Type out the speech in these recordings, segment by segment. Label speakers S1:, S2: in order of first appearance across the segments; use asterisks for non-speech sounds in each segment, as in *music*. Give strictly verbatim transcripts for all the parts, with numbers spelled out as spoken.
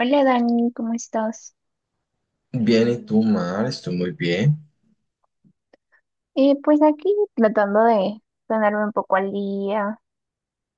S1: Hola Dani, ¿cómo estás?
S2: Bien, ¿y tú, Mar? Estoy muy bien.
S1: Eh, pues aquí tratando de ponerme un poco al día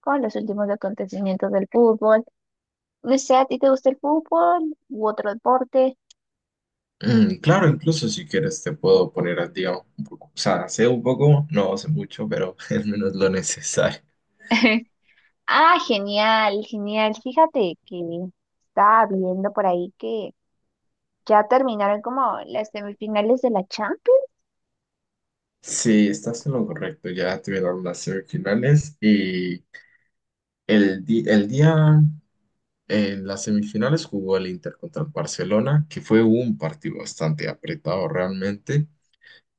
S1: con los últimos acontecimientos del fútbol. No sé, ¿a ti te gusta el fútbol u otro deporte?
S2: Mm, claro, incluso si quieres te puedo poner al día un poco. O sea, sé un poco, no sé mucho, pero *laughs* al menos lo necesario.
S1: *laughs* Ah, genial, genial. Fíjate que estaba viendo por ahí que ya terminaron como las semifinales de la Champions.
S2: Sí, estás en lo correcto. Ya tuvieron las semifinales y el, di- el día en las semifinales jugó el Inter contra el Barcelona, que fue un partido bastante apretado realmente,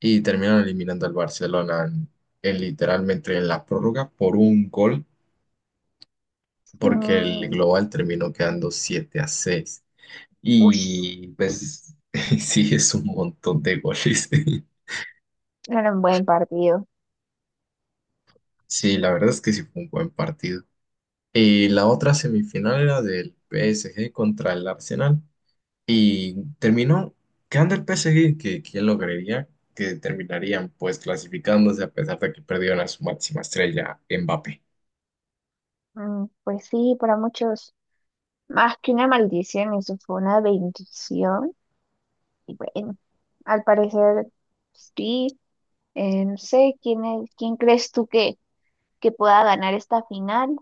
S2: y terminaron eliminando al Barcelona en en literalmente en la prórroga por un gol, porque el
S1: Mm,
S2: global terminó quedando siete a seis.
S1: ush,
S2: Y pues *laughs* sí, es un montón de goles. *laughs*
S1: era un buen partido.
S2: Sí, la verdad es que sí fue un buen partido. Y la otra semifinal era del P S G contra el Arsenal, y terminó quedando el P S G, que quién lo creería, que terminarían pues clasificándose a pesar de que perdieron a su máxima estrella, Mbappé.
S1: Mm, pues sí, para muchos, más que una maldición, eso fue una bendición. Y bueno, al parecer sí. Eh, no sé quién es- quién crees tú que, que pueda ganar esta final,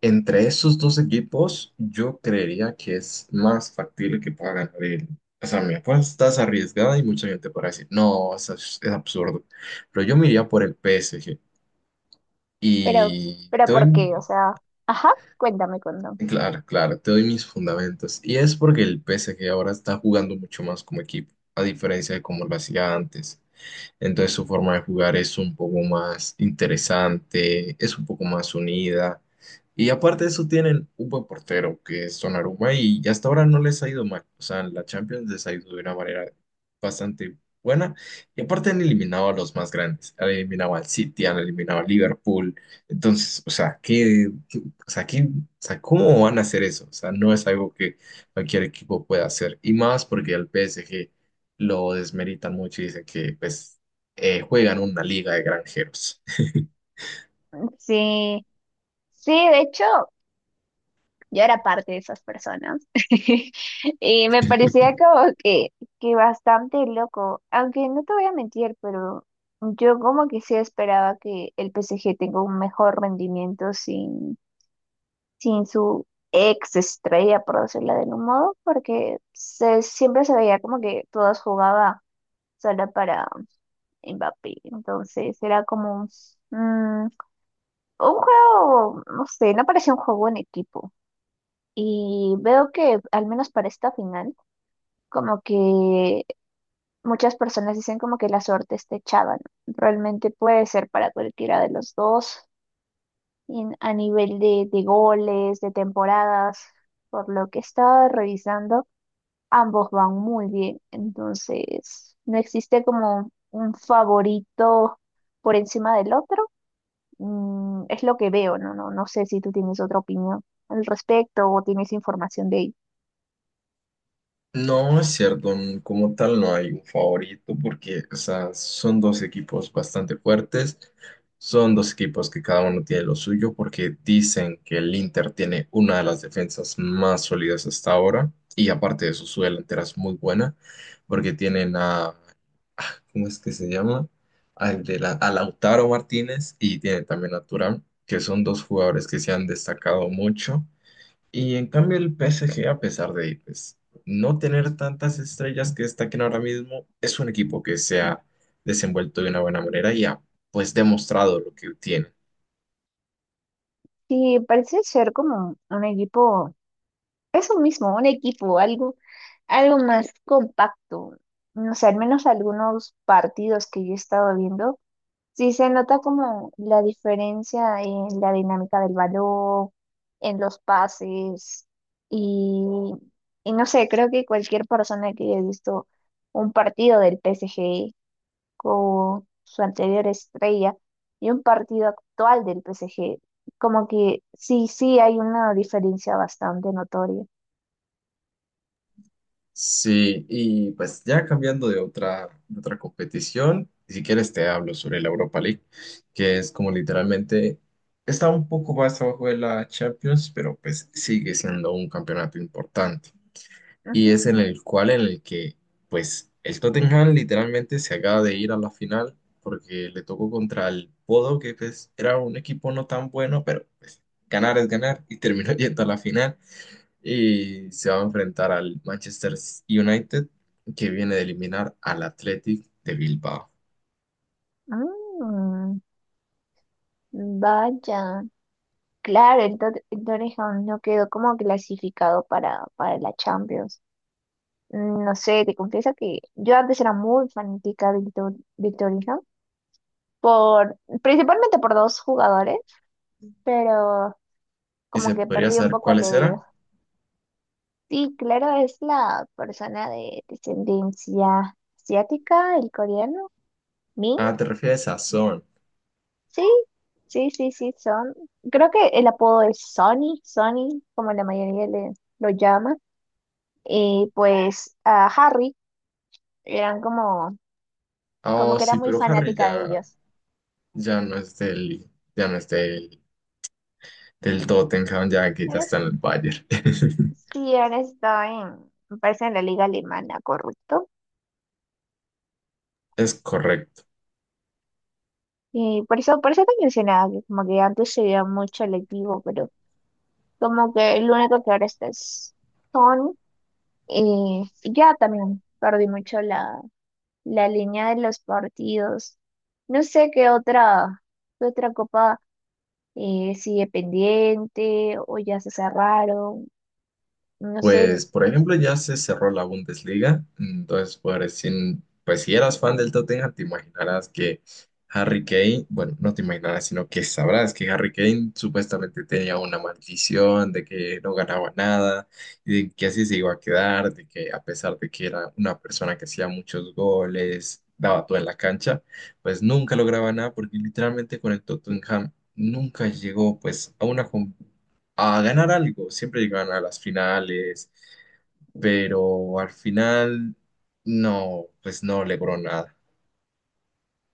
S2: Entre esos dos equipos, yo creería que es más factible que pueda ganar el. O sea, mi apuesta es arriesgada y mucha gente podrá decir, no, es, abs- es absurdo. Pero yo me iría por el P S G.
S1: pero,
S2: Y
S1: pero
S2: te
S1: ¿por qué? O
S2: doy,
S1: sea, ajá, cuéntame, cuéntame.
S2: claro, claro, te doy mis fundamentos. Y es porque el P S G ahora está jugando mucho más como equipo, a diferencia de como lo hacía antes. Entonces su forma de jugar es un poco más interesante, es un poco más unida. Y aparte de eso tienen un buen portero que es Donnarumma y hasta ahora no les ha ido mal. O sea, en la Champions les ha ido de una manera bastante buena. Y aparte han eliminado a los más grandes. Han eliminado al City, han eliminado a Liverpool. Entonces, o sea, ¿qué, qué- o sea, qué- o sea, ¿cómo van a hacer eso? O sea, no es algo que cualquier equipo pueda hacer. Y más porque al P S G lo desmeritan mucho y dicen que pues, eh, juegan una liga de granjeros. *laughs*
S1: Sí, sí, de hecho, yo era parte de esas personas *laughs* y me parecía como que, que bastante loco, aunque no te voy a mentir, pero yo como que sí esperaba que el P S G tenga un mejor rendimiento sin sin su ex estrella, por decirlo de algún modo, porque se, siempre se veía como que todas jugaba sola para Mbappé. Entonces era como mm, un juego, no sé, no parecía un juego en equipo. Y veo que, al menos para esta final, como que muchas personas dicen como que la suerte está echada, ¿no? Realmente puede ser para cualquiera de los dos. en- a nivel de, de goles, de temporadas, por lo que estaba revisando, ambos van muy bien. Entonces, no existe como un favorito por encima del otro. Mm, es lo que veo, ¿no? No, no sé si tú tienes otra opinión al respecto o tienes información de ello.
S2: No, es cierto, n- como tal no hay un favorito porque, o sea, son dos equipos bastante fuertes, son dos equipos que cada uno tiene lo suyo, porque dicen que el Inter tiene una de las defensas más sólidas hasta ahora y aparte de eso su delantera es muy buena, porque tienen a, ah, ¿cómo es que se llama? Al de la, a Lautaro Martínez, y tienen también a Thuram, que son dos jugadores que se han destacado mucho. Y en cambio el P S G, a pesar de pues, no tener tantas estrellas que destaquen ahora mismo, es un equipo que se ha desenvuelto de una buena manera y ha pues demostrado lo que tiene.
S1: Sí, parece ser como un equipo, eso mismo, un equipo, algo, algo más compacto. No sé, al menos algunos partidos que yo he estado viendo. Sí, se nota como la diferencia en la dinámica del balón, en los pases y, y no sé, creo que cualquier persona que haya visto un partido del P S G con su anterior estrella y un partido actual del P S G. Como que sí, sí hay una diferencia bastante notoria.
S2: Sí, y pues ya cambiando de otra, de otra competición, si quieres te hablo sobre la Europa League, que es como literalmente está un poco más abajo de la Champions, pero pues sigue siendo un campeonato importante. Y
S1: Ujú.
S2: es en el cual en el que pues el Tottenham literalmente se acaba de ir a la final, porque le tocó contra el Bodo, que pues era un equipo no tan bueno, pero pues ganar es ganar y terminó *laughs* yendo a la final, y se va a enfrentar al Manchester United, que viene de eliminar al Athletic de Bilbao.
S1: Mm, vaya. Claro, entonces, entonces aún no quedó como clasificado para, para la Champions. Mm, No sé, te confieso que yo antes era muy fanática del, Tor- del Torino, por, principalmente por dos jugadores, pero
S2: ¿Y
S1: como
S2: se
S1: que
S2: podría
S1: perdí un
S2: saber
S1: poco el
S2: cuáles
S1: herido.
S2: eran?
S1: Sí, claro, es la persona de descendencia asiática, el coreano, Min,
S2: Ah, te refieres a Son.
S1: sí, sí, sí, sí, son. Creo que el apodo es Sonny, Sonny, como la mayoría le, lo llama. Y pues a Harry. Eran como, como
S2: Oh,
S1: que era
S2: sí,
S1: muy
S2: pero Harry
S1: fanática de
S2: ya,
S1: ellos.
S2: ya no es del, ya no es del, del Tottenham, ya que ya
S1: Ellos
S2: está en el Bayern. *laughs*
S1: sí han estado en, me parece en la liga alemana, correcto.
S2: Es correcto.
S1: Y por eso, por eso te mencionaba que como que antes se veía mucho el equipo, pero como que el único que ahora está es Son. Eh, ya también perdí mucho la, la línea de los partidos. No sé qué otra, qué otra copa eh, sigue pendiente o ya se cerraron. No sé.
S2: Pues, por ejemplo, ya se cerró la Bundesliga. Entonces, pues, sin- pues, si eras fan del Tottenham, te imaginarás que Harry Kane, bueno, no te imaginarás, sino que sabrás que Harry Kane supuestamente tenía una maldición de que no ganaba nada y de que así se iba a quedar, de que a pesar de que era una persona que hacía muchos goles, daba todo en la cancha, pues nunca lograba nada, porque literalmente con el Tottenham nunca llegó pues a una, a ganar algo. Siempre llegaban a las finales, pero al final no, pues no logró nada.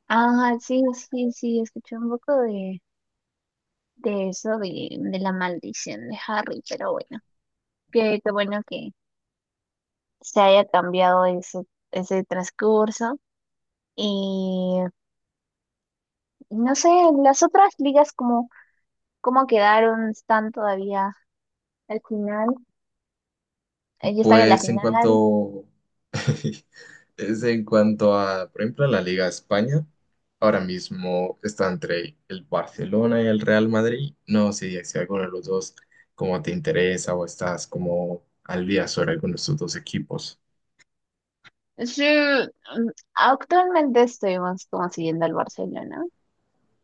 S1: Ah, sí, sí, sí, escuché un poco de, de eso, de, de la maldición de Harry, pero bueno, qué, qué bueno que se haya cambiado ese ese transcurso. Y no sé, las otras ligas, como ¿cómo, cómo quedaron? ¿Están todavía al final? Eh, ¿Ya están en la
S2: Pues en
S1: final?
S2: cuanto, *laughs* es en cuanto a, por ejemplo, a la Liga de España, ahora mismo está entre el Barcelona y el Real Madrid. No sé si alguno de los dos como te interesa o estás como al día sobre alguno de estos dos equipos.
S1: Sí, mm, actualmente estuvimos como siguiendo al Barcelona.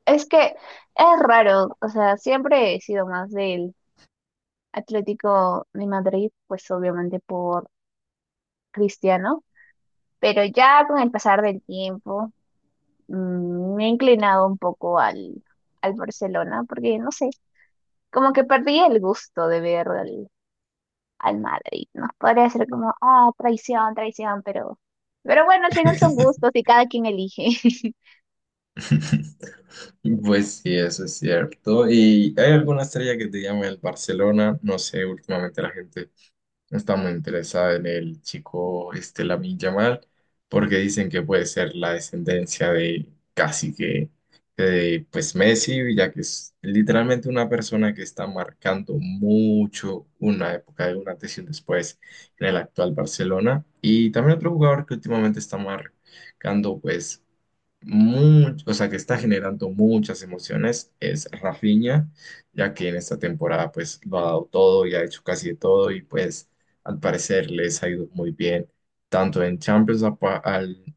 S1: Es que es raro, o sea, siempre he sido más del Atlético de Madrid, pues obviamente por Cristiano, pero ya con el pasar del tiempo mm, me he inclinado un poco al, al Barcelona, porque no sé, como que perdí el gusto de ver al, al Madrid, ¿no? Podría ser como, ah, traición, traición, pero, pero bueno, al final son
S2: *laughs*
S1: gustos y cada quien elige. *laughs*
S2: *laughs* Pues sí, eso es cierto. ¿Y hay alguna estrella que te llame el Barcelona? No sé, últimamente la gente está muy interesada en el chico este, Lamine Yamal, porque dicen que puede ser la descendencia de casi que de pues Messi, ya que es literalmente una persona que está marcando mucho una época, de una antes y un después en el actual Barcelona. Y también otro jugador que últimamente está marcando pues mucho, o sea, que está generando muchas emociones, es Rafinha, ya que en esta temporada pues lo ha dado todo y ha hecho casi de todo, y pues al parecer les ha ido muy bien, tanto en Champions a, pa- al-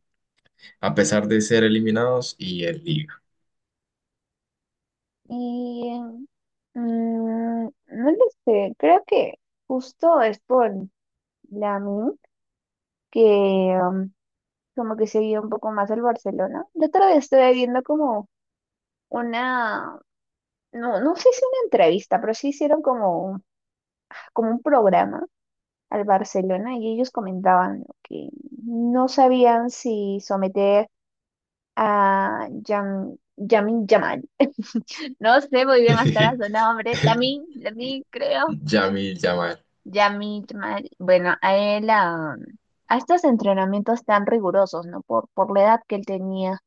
S2: a pesar de ser eliminados, y en Liga.
S1: Y mm, no lo sé, creo que justo es por Lamine que mm, como que seguía un poco más el Barcelona. Yo otra vez estuve viendo como una, no, no sé si una entrevista, pero sí hicieron como, como un programa al Barcelona y ellos comentaban ¿no? que no sabían si someter a Yam, Yamin Yamal. *laughs* No sé muy bien hasta ahora su
S2: *laughs*
S1: nombre. Lamin, Lamin, creo.
S2: Yamil Yamal.
S1: Yamin Yamal. Bueno, a él, a, a estos entrenamientos tan rigurosos, ¿no? Por, por la edad que él tenía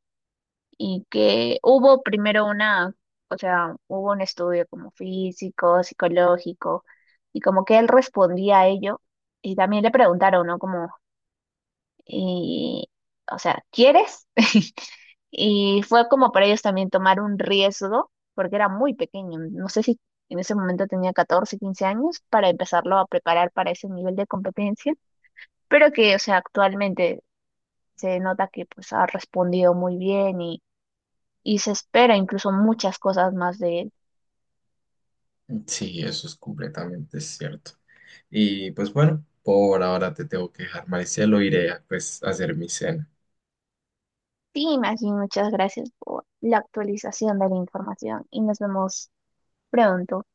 S1: y que hubo primero una, o sea, hubo un estudio como físico, psicológico, y como que él respondía a ello, y también le preguntaron, ¿no? Como, y, o sea, ¿quieres? *laughs* Y fue como para ellos también tomar un riesgo, porque era muy pequeño, no sé si en ese momento tenía catorce quince años, para empezarlo a preparar para ese nivel de competencia, pero que, o sea, actualmente se nota que pues ha respondido muy bien y se espera incluso muchas cosas más de él.
S2: Sí, eso es completamente cierto. Y pues bueno, por ahora te tengo que dejar, Maricelo, iré a, pues, a hacer mi cena.
S1: Sí, Maggie, muchas gracias por la actualización de la información y nos vemos pronto.